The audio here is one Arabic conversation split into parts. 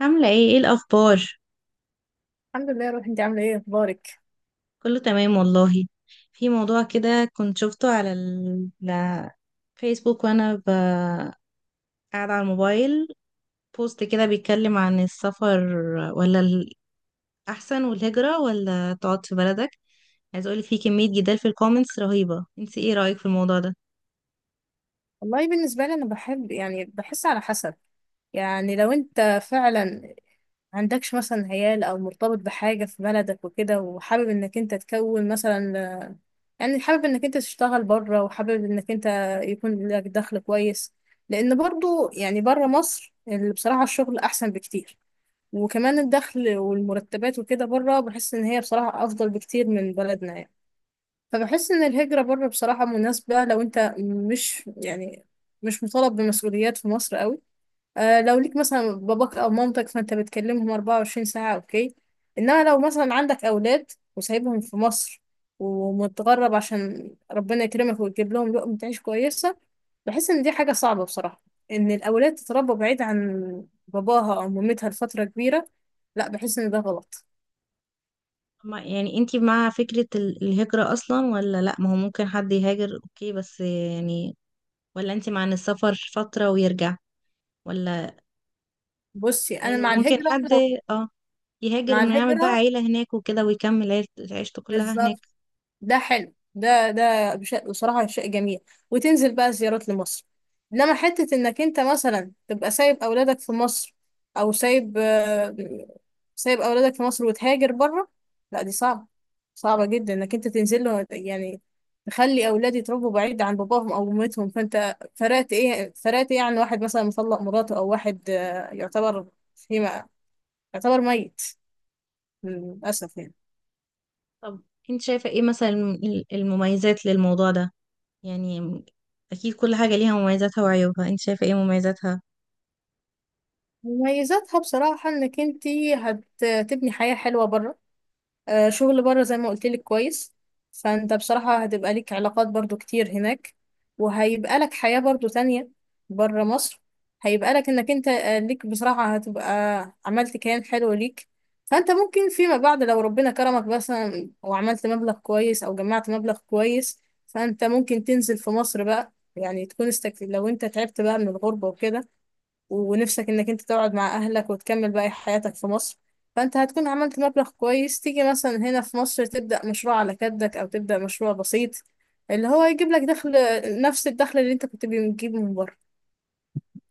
عاملة ايه الأخبار؟ الحمد لله يا روحي. انت عامله ايه، اخبارك؟ كله تمام والله. في موضوع كده كنت شفته على الفيسبوك وأنا قاعدة على الموبايل. بوست كده بيتكلم عن السفر ولا الأحسن والهجرة ولا تقعد في بلدك. عايز أقولك في كمية جدال في الكومنتس رهيبة، انت ايه رأيك في الموضوع ده؟ والله بالنسبه لي انا بحب، يعني بحس على حسب. يعني لو انت فعلا عندكش مثلا عيال او مرتبط بحاجه في بلدك وكده، وحابب انك انت تكون مثلا، يعني حابب انك انت تشتغل بره، وحابب انك انت يكون لك دخل كويس. لان برضو يعني بره مصر اللي بصراحه الشغل احسن بكتير. وكمان الدخل والمرتبات وكده بره، بحس ان هي بصراحه افضل بكتير من بلدنا يعني. فبحس ان الهجرة بره بصراحة مناسبة، لو انت مش يعني مش مطالب بمسؤوليات في مصر قوي. آه، لو ليك مثلا باباك او مامتك فانت بتكلمهم 24 ساعة، اوكي. انما لو مثلا عندك اولاد وسايبهم في مصر، ومتغرب عشان ربنا يكرمك ويجيب لهم لقمة عيش كويسة، بحس ان دي حاجة صعبة بصراحة. ان الاولاد تتربى بعيد عن باباها او مامتها لفترة كبيرة، لا، بحس ان ده غلط. يعني انت مع فكرة الهجرة أصلا ولا لأ؟ ما هو ممكن حد يهاجر اوكي، بس يعني ولا انت مع ان السفر فترة ويرجع، ولا بصي، انا يعني مع ممكن الهجرة. حد، لو اه، يهاجر مع انه يعمل بقى الهجرة، عيلة هناك وكده ويكمل عيشته كلها هناك؟ بالظبط. ده حلو. بصراحة شيء جميل. وتنزل بقى زيارات لمصر. إنما حتة إنك أنت مثلا تبقى سايب أولادك في مصر، أو سايب آه، سايب أولادك في مصر وتهاجر بره، لا، دي صعبة. صعبة جدا إنك أنت تنزل له، يعني تخلي أولادي يتربوا بعيد عن باباهم أو أمتهم. فأنت فرقت إيه عن واحد مثلا مطلق مراته؟ أو واحد آه، فيما يعتبر ميت للأسف يعني. طب انت شايفة ايه مثلا المميزات للموضوع ده؟ يعني اكيد كل حاجة ليها مميزاتها وعيوبها، انت شايفة ايه مميزاتها؟ مميزاتها بصراحة انك انتي هتبني حياة حلوة بره. آه، شغل بره زي ما قلتلك كويس. فانت بصراحة هتبقى ليك علاقات برضو كتير هناك، وهيبقى لك حياة برضو تانية بره مصر. هيبقى لك انك انت آه، ليك، بصراحة هتبقى عملت كيان حلو ليك. فانت ممكن فيما بعد لو ربنا كرمك مثلا وعملت مبلغ كويس او جمعت مبلغ كويس، فانت ممكن تنزل في مصر بقى، يعني لو انت تعبت بقى من الغربة وكده، ونفسك انك انت تقعد مع اهلك وتكمل باقي حياتك في مصر، فانت هتكون عملت مبلغ كويس، تيجي مثلا هنا في مصر تبدأ مشروع على قدك او تبدأ مشروع بسيط اللي هو يجيب لك دخل، نفس الدخل اللي انت كنت بتجيبه من بره.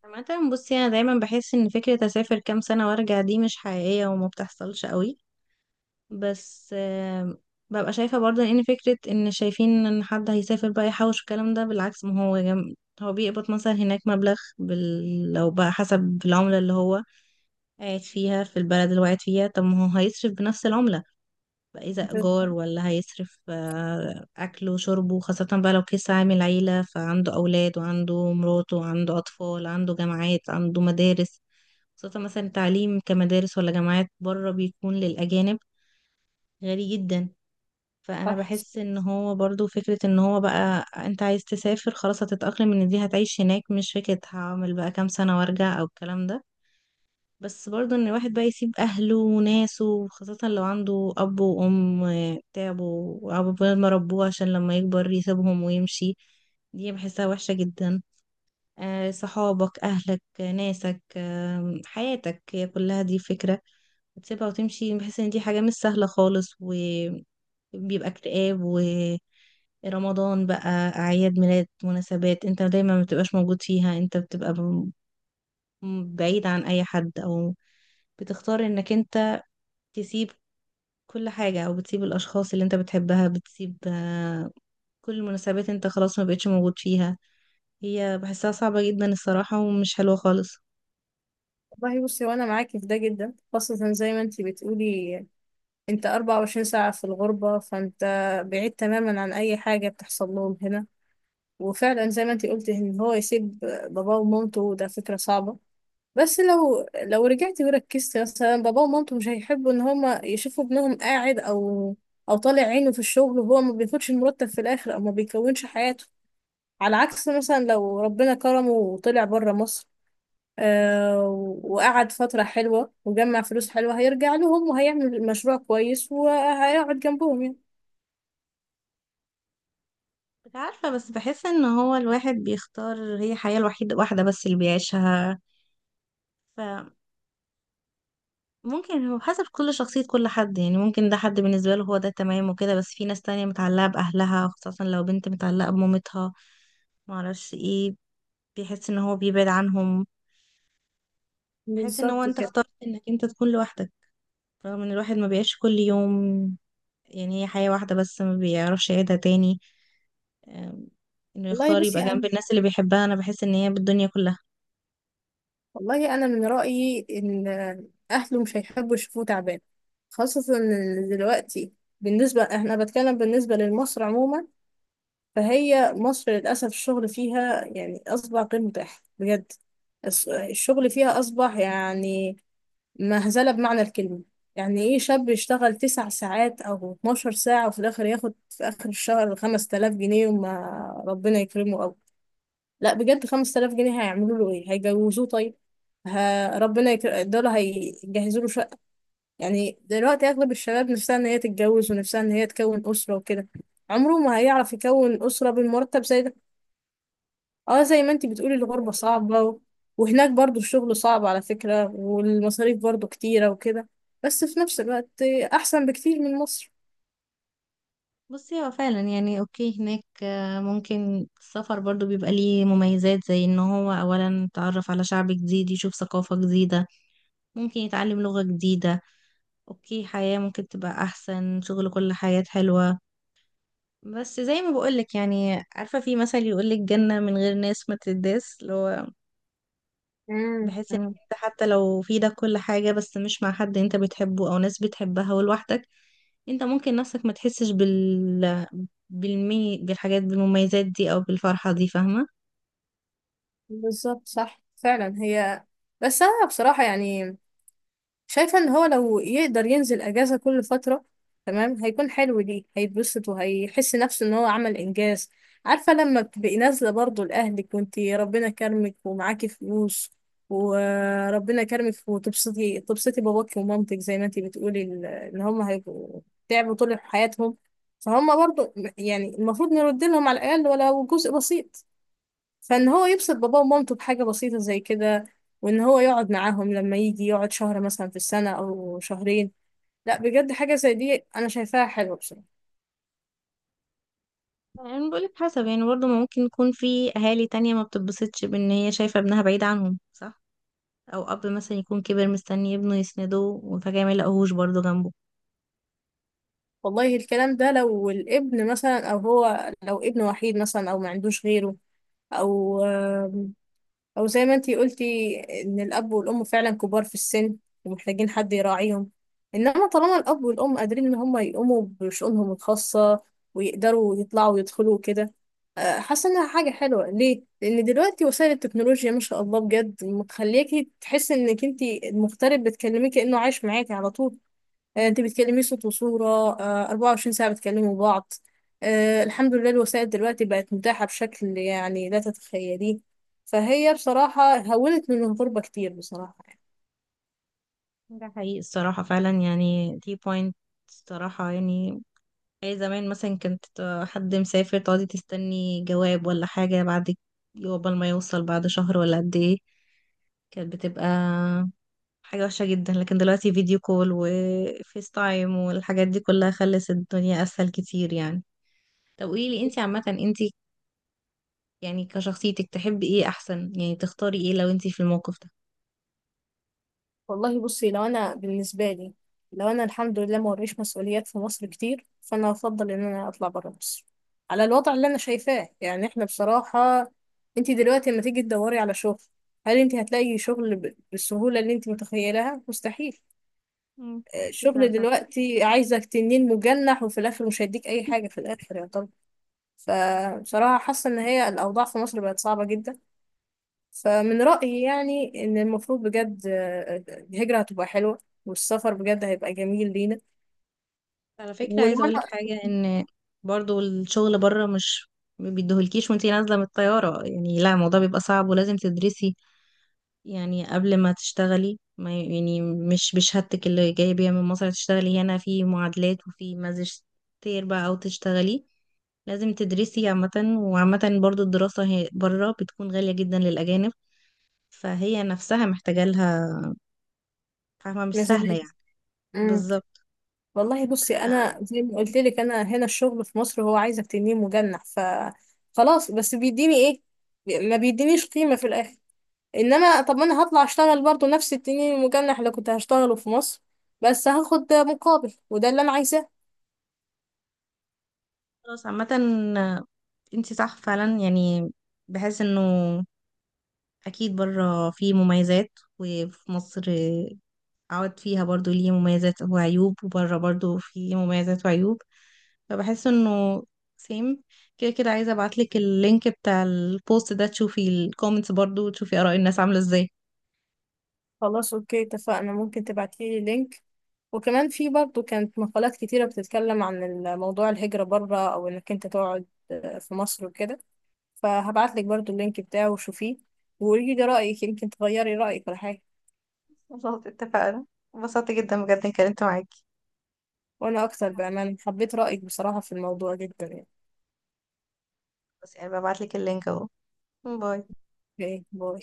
عامة بصي، انا دايما بحس ان فكرة اسافر كام سنة وارجع دي مش حقيقية وما بتحصلش قوي. بس ببقى شايفة برضه ان فكرة ان شايفين ان حد هيسافر بقى يحوش الكلام ده بالعكس، ما هو هو بيقبض مثلا هناك مبلغ لو بقى حسب العملة اللي هو قاعد فيها، في البلد اللي هو قاعد فيها. طب ما هو هيصرف بنفس العملة بقى، إذا ده إيجار ولا هيصرف أكله وشربه، خاصة بقى لو كيس عامل عيلة فعنده أولاد وعنده مراته وعنده أطفال، عنده جامعات، عنده مدارس. خاصة مثلا التعليم، كمدارس ولا جامعات، بره بيكون للأجانب غالي جدا. فأنا صح. بحس إن هو برضو فكرة إن هو بقى أنت عايز تسافر خلاص هتتأقلم إن دي هتعيش هناك، مش فكرة هعمل بقى كام سنة وأرجع أو الكلام ده. بس برضه ان الواحد بقى يسيب اهله وناسه، خاصة لو عنده اب وام تعبوا وعقبال ما ربوه عشان لما يكبر يسيبهم ويمشي، دي بحسها وحشة جدا. صحابك، اهلك، ناسك، حياتك هي كلها، دي فكرة تسيبها وتمشي. بحس ان دي حاجة مش سهلة خالص، وبيبقى اكتئاب. ورمضان بقى، اعياد ميلاد، مناسبات انت دايما ما بتبقاش موجود فيها. انت بتبقى بعيد عن اي حد، او بتختار انك انت تسيب كل حاجة، او بتسيب الاشخاص اللي انت بتحبها، بتسيب كل المناسبات انت خلاص ما بقتش موجود فيها. هي بحسها صعبة جدا الصراحة ومش حلوة خالص. والله بصي، وانا معاكي في ده جدا، خاصة زي ما انت بتقولي، انت 24 ساعة في الغربة، فانت بعيد تماما عن اي حاجة بتحصل لهم هنا. وفعلا زي ما انت قلتي، ان هو يسيب باباه ومامته، ده فكرة صعبة. بس لو رجعت وركزت، مثلا بابا ومامته مش هيحبوا ان هما يشوفوا ابنهم قاعد او طالع عينه في الشغل، وهو ما بياخدش المرتب في الاخر، او ما بيكونش حياته. على عكس مثلا لو ربنا كرمه وطلع بره مصر، آه وقعد فترة حلوة وجمع فلوس حلوة، هيرجع لهم وهيعمل مشروع كويس وهيقعد جنبهم يعني. مش عارفة، بس بحس ان هو الواحد بيختار، هي الحياة الوحيدة واحدة بس اللي بيعيشها. فممكن هو حسب كل شخصية، كل حد يعني، ممكن ده حد بالنسبة له هو ده تمام وكده، بس في ناس تانية متعلقة بأهلها، خاصة لو بنت متعلقة بمامتها، معرفش ايه، بيحس ان هو بيبعد عنهم. بيحس ان هو بالظبط انت كده. بالظبط اخترت انك انت تكون لوحدك، رغم ان الواحد ما بيعيش كل يوم، يعني هي حياة واحدة بس ما بيعرفش يعيدها تاني. أم، انه والله يختار يبقى بصي جنب انا الناس اللي بيحبها، انا بحس ان هي بالدنيا كلها. والله انا من رايي ان اهله مش هيحبوا يشوفوه تعبان. خاصه ان دلوقتي بالنسبه احنا بتكلم بالنسبه لمصر عموما، فهي مصر للاسف الشغل فيها يعني اصبح غير متاح بجد. الشغل فيها اصبح يعني مهزله بمعنى الكلمه. يعني ايه شاب يشتغل 9 ساعات او 12 ساعه وفي الاخر ياخد في اخر الشهر 5000 جنيه؟ وما ربنا يكرمه. لا بجد، 5000 جنيه هيعملوا له ايه؟ هيجوزوه طيب؟ دول هيجهزوا له شقة؟ يعني دلوقتي اغلب الشباب نفسها ان هي تتجوز، ونفسها ان هي تكون اسرة وكده. عمره ما هيعرف يكون اسرة بالمرتب زي ده. اه، زي ما انتي بتقولي الغربة صعبة وهناك برضو الشغل صعب على فكرة، والمصاريف برضو كتيرة وكده، بس في نفس الوقت احسن بكتير من مصر. بصي هو فعلا يعني اوكي هناك، ممكن السفر برضو بيبقى ليه مميزات، زي ان هو اولا يتعرف على شعب جديد، يشوف ثقافة جديدة، ممكن يتعلم لغة جديدة. اوكي حياة ممكن تبقى احسن، شغل، كل حياة حلوة. بس زي ما بقولك، يعني عارفة في مثل يقولك جنة من غير ناس ما تداس، اللي هو مم. بحيث انك مم. انت حتى لو في ده كل حاجة بس مش مع حد انت بتحبه او ناس بتحبها ولوحدك، انت ممكن نفسك ما تحسش بالحاجات بالمميزات دي او بالفرحة دي، فاهمة؟ بالظبط، صح فعلا هي. بس انا بصراحة يعني شايفة ان هو لو يقدر ينزل اجازة كل فترة، تمام، هيكون حلو ليه، هيتبسط وهيحس نفسه ان هو عمل انجاز. عارفة لما بتبقي نازلة برضه لأهلك، وانتي ربنا كرمك ومعاكي فلوس، وربنا كرمك، وتبسطي، تبسطي باباكي ومامتك. زي ما انتي بتقولي، ان هم هيبقوا تعبوا طول حياتهم، فهم برضه يعني المفروض نرد لهم على الأقل ولو جزء بسيط. فان هو يبسط باباه ومامته بحاجة بسيطة زي كده، وان هو يقعد معاهم لما يجي، يقعد شهر مثلا في السنة او شهرين. لا بجد، حاجة زي دي انا شايفاها حلوة بصراحة. يعني بقولك حسب، يعني برضه ما ممكن يكون في اهالي تانية ما بتتبسطش بان هي شايفة ابنها بعيد عنهم، صح؟ او اب مثلا يكون كبر مستني ابنه يسنده وفجأة ما يلاقوهوش برضه جنبه. والله الكلام ده لو الابن مثلا، او هو لو ابن وحيد مثلا، او ما عندوش غيره، او او زي ما انتي قلتي ان الاب والام فعلا كبار في السن ومحتاجين حد يراعيهم. انما طالما الاب والام قادرين ان هم يقوموا بشؤونهم الخاصه، ويقدروا يطلعوا ويدخلوا كده، حاسه انها حاجه حلوه ليه. لان دلوقتي وسائل التكنولوجيا ما شاء الله بجد مخلياكي تحسي انك انتي المغترب بتكلميه كانه عايش معاكي على طول. آه، انت بتكلمي صوت وصورة، آه، 24 ساعة بتكلموا بعض. آه، الحمد لله الوسائل دلوقتي بقت متاحة بشكل يعني لا تتخيليه. فهي بصراحة هونت من الغربة كتير بصراحة يعني. ده حقيقي الصراحة، فعلا يعني دي بوينت الصراحة يعني. أي زمان مثلا كنت حد مسافر تقعدي تستني جواب ولا حاجة بعد، قبل ما يوصل بعد شهر ولا قد ايه، كانت بتبقى حاجة وحشة جدا. لكن دلوقتي فيديو كول وفيس تايم والحاجات دي كلها خلت الدنيا أسهل كتير يعني. طب قوليلي انتي عامة، انتي يعني كشخصيتك تحبي ايه أحسن؟ يعني تختاري ايه لو انتي في الموقف ده؟ والله بصي، لو أنا الحمد لله ما وريش مسؤوليات في مصر كتير، فأنا أفضل إن أنا أطلع برا مصر، على الوضع اللي أنا شايفاه. يعني إحنا بصراحة، أنت دلوقتي لما تيجي تدوري على شغل، هل أنت هتلاقي شغل بالسهولة اللي أنت متخيلها؟ مستحيل. مم. الشغل دلوقتي عايزك تنين مجنح، وفي الاخر مش هيديك اي حاجه في الاخر، يا طب. فبصراحه حاسه ان هي الاوضاع في مصر بقت صعبه جدا. فمن رايي يعني ان المفروض بجد الهجره هتبقى حلوه، والسفر بجد هيبقى جميل لينا. على فكرة عايزة ولو اقولك انا حاجة، ان برضو الشغل بره مش ما بيديهولكيش وانتي نازلة من الطيارة يعني. لا الموضوع بيبقى صعب ولازم تدرسي يعني قبل ما تشتغلي، ما يعني مش بشهادتك اللي جاية بيها من مصر تشتغلي، هنا في معادلات وفي ماجستير بقى او تشتغلي، لازم تدرسي عامة. وعامة برضو الدراسة هي بره بتكون غالية جدا للأجانب، فهي نفسها محتاجة لها، فاهمة؟ مش سهلة مثلا. يعني. امم بالظبط. والله بصي، آه، انا زي ما قلت لك انا هنا الشغل في مصر هو عايزك تنين مجنح، خلاص. بس بيديني ايه؟ ما بيدينيش قيمه في الاخر. انما طب، ما انا هطلع اشتغل برضه نفس التنين المجنح اللي كنت هشتغله في مصر، بس هاخد مقابل، وده اللي انا عايزاه. خلاص عامة انتي صح فعلا يعني. بحس انه اكيد بره فيه مميزات، وفي مصر عوض فيها برضو ليه مميزات وعيوب، وبره برضو فيه مميزات وعيوب. فبحس انه سيم كده كده. عايزة ابعتلك اللينك بتاع البوست ده تشوفي الكومنتس برضو وتشوفي اراء الناس عاملة ازاي. خلاص اوكي، اتفقنا. ممكن تبعتيلي لينك، وكمان في برضه كانت مقالات كتيرة بتتكلم عن موضوع الهجرة بره، او انك انت تقعد في مصر وكده، فهبعتلك برضه اللينك بتاعه وشوفيه، وقولي لي رأيك. يمكن تغيري رأيك ولا حاجة. خلاص اتفقنا. انبسطت جدا بجد اني اتكلمت معاكي. وانا اكتر بأمان، حبيت رأيك بصراحة في الموضوع جدا يعني. بس يعني ببعتلك اللينك اهو. باي. اوكي، باي.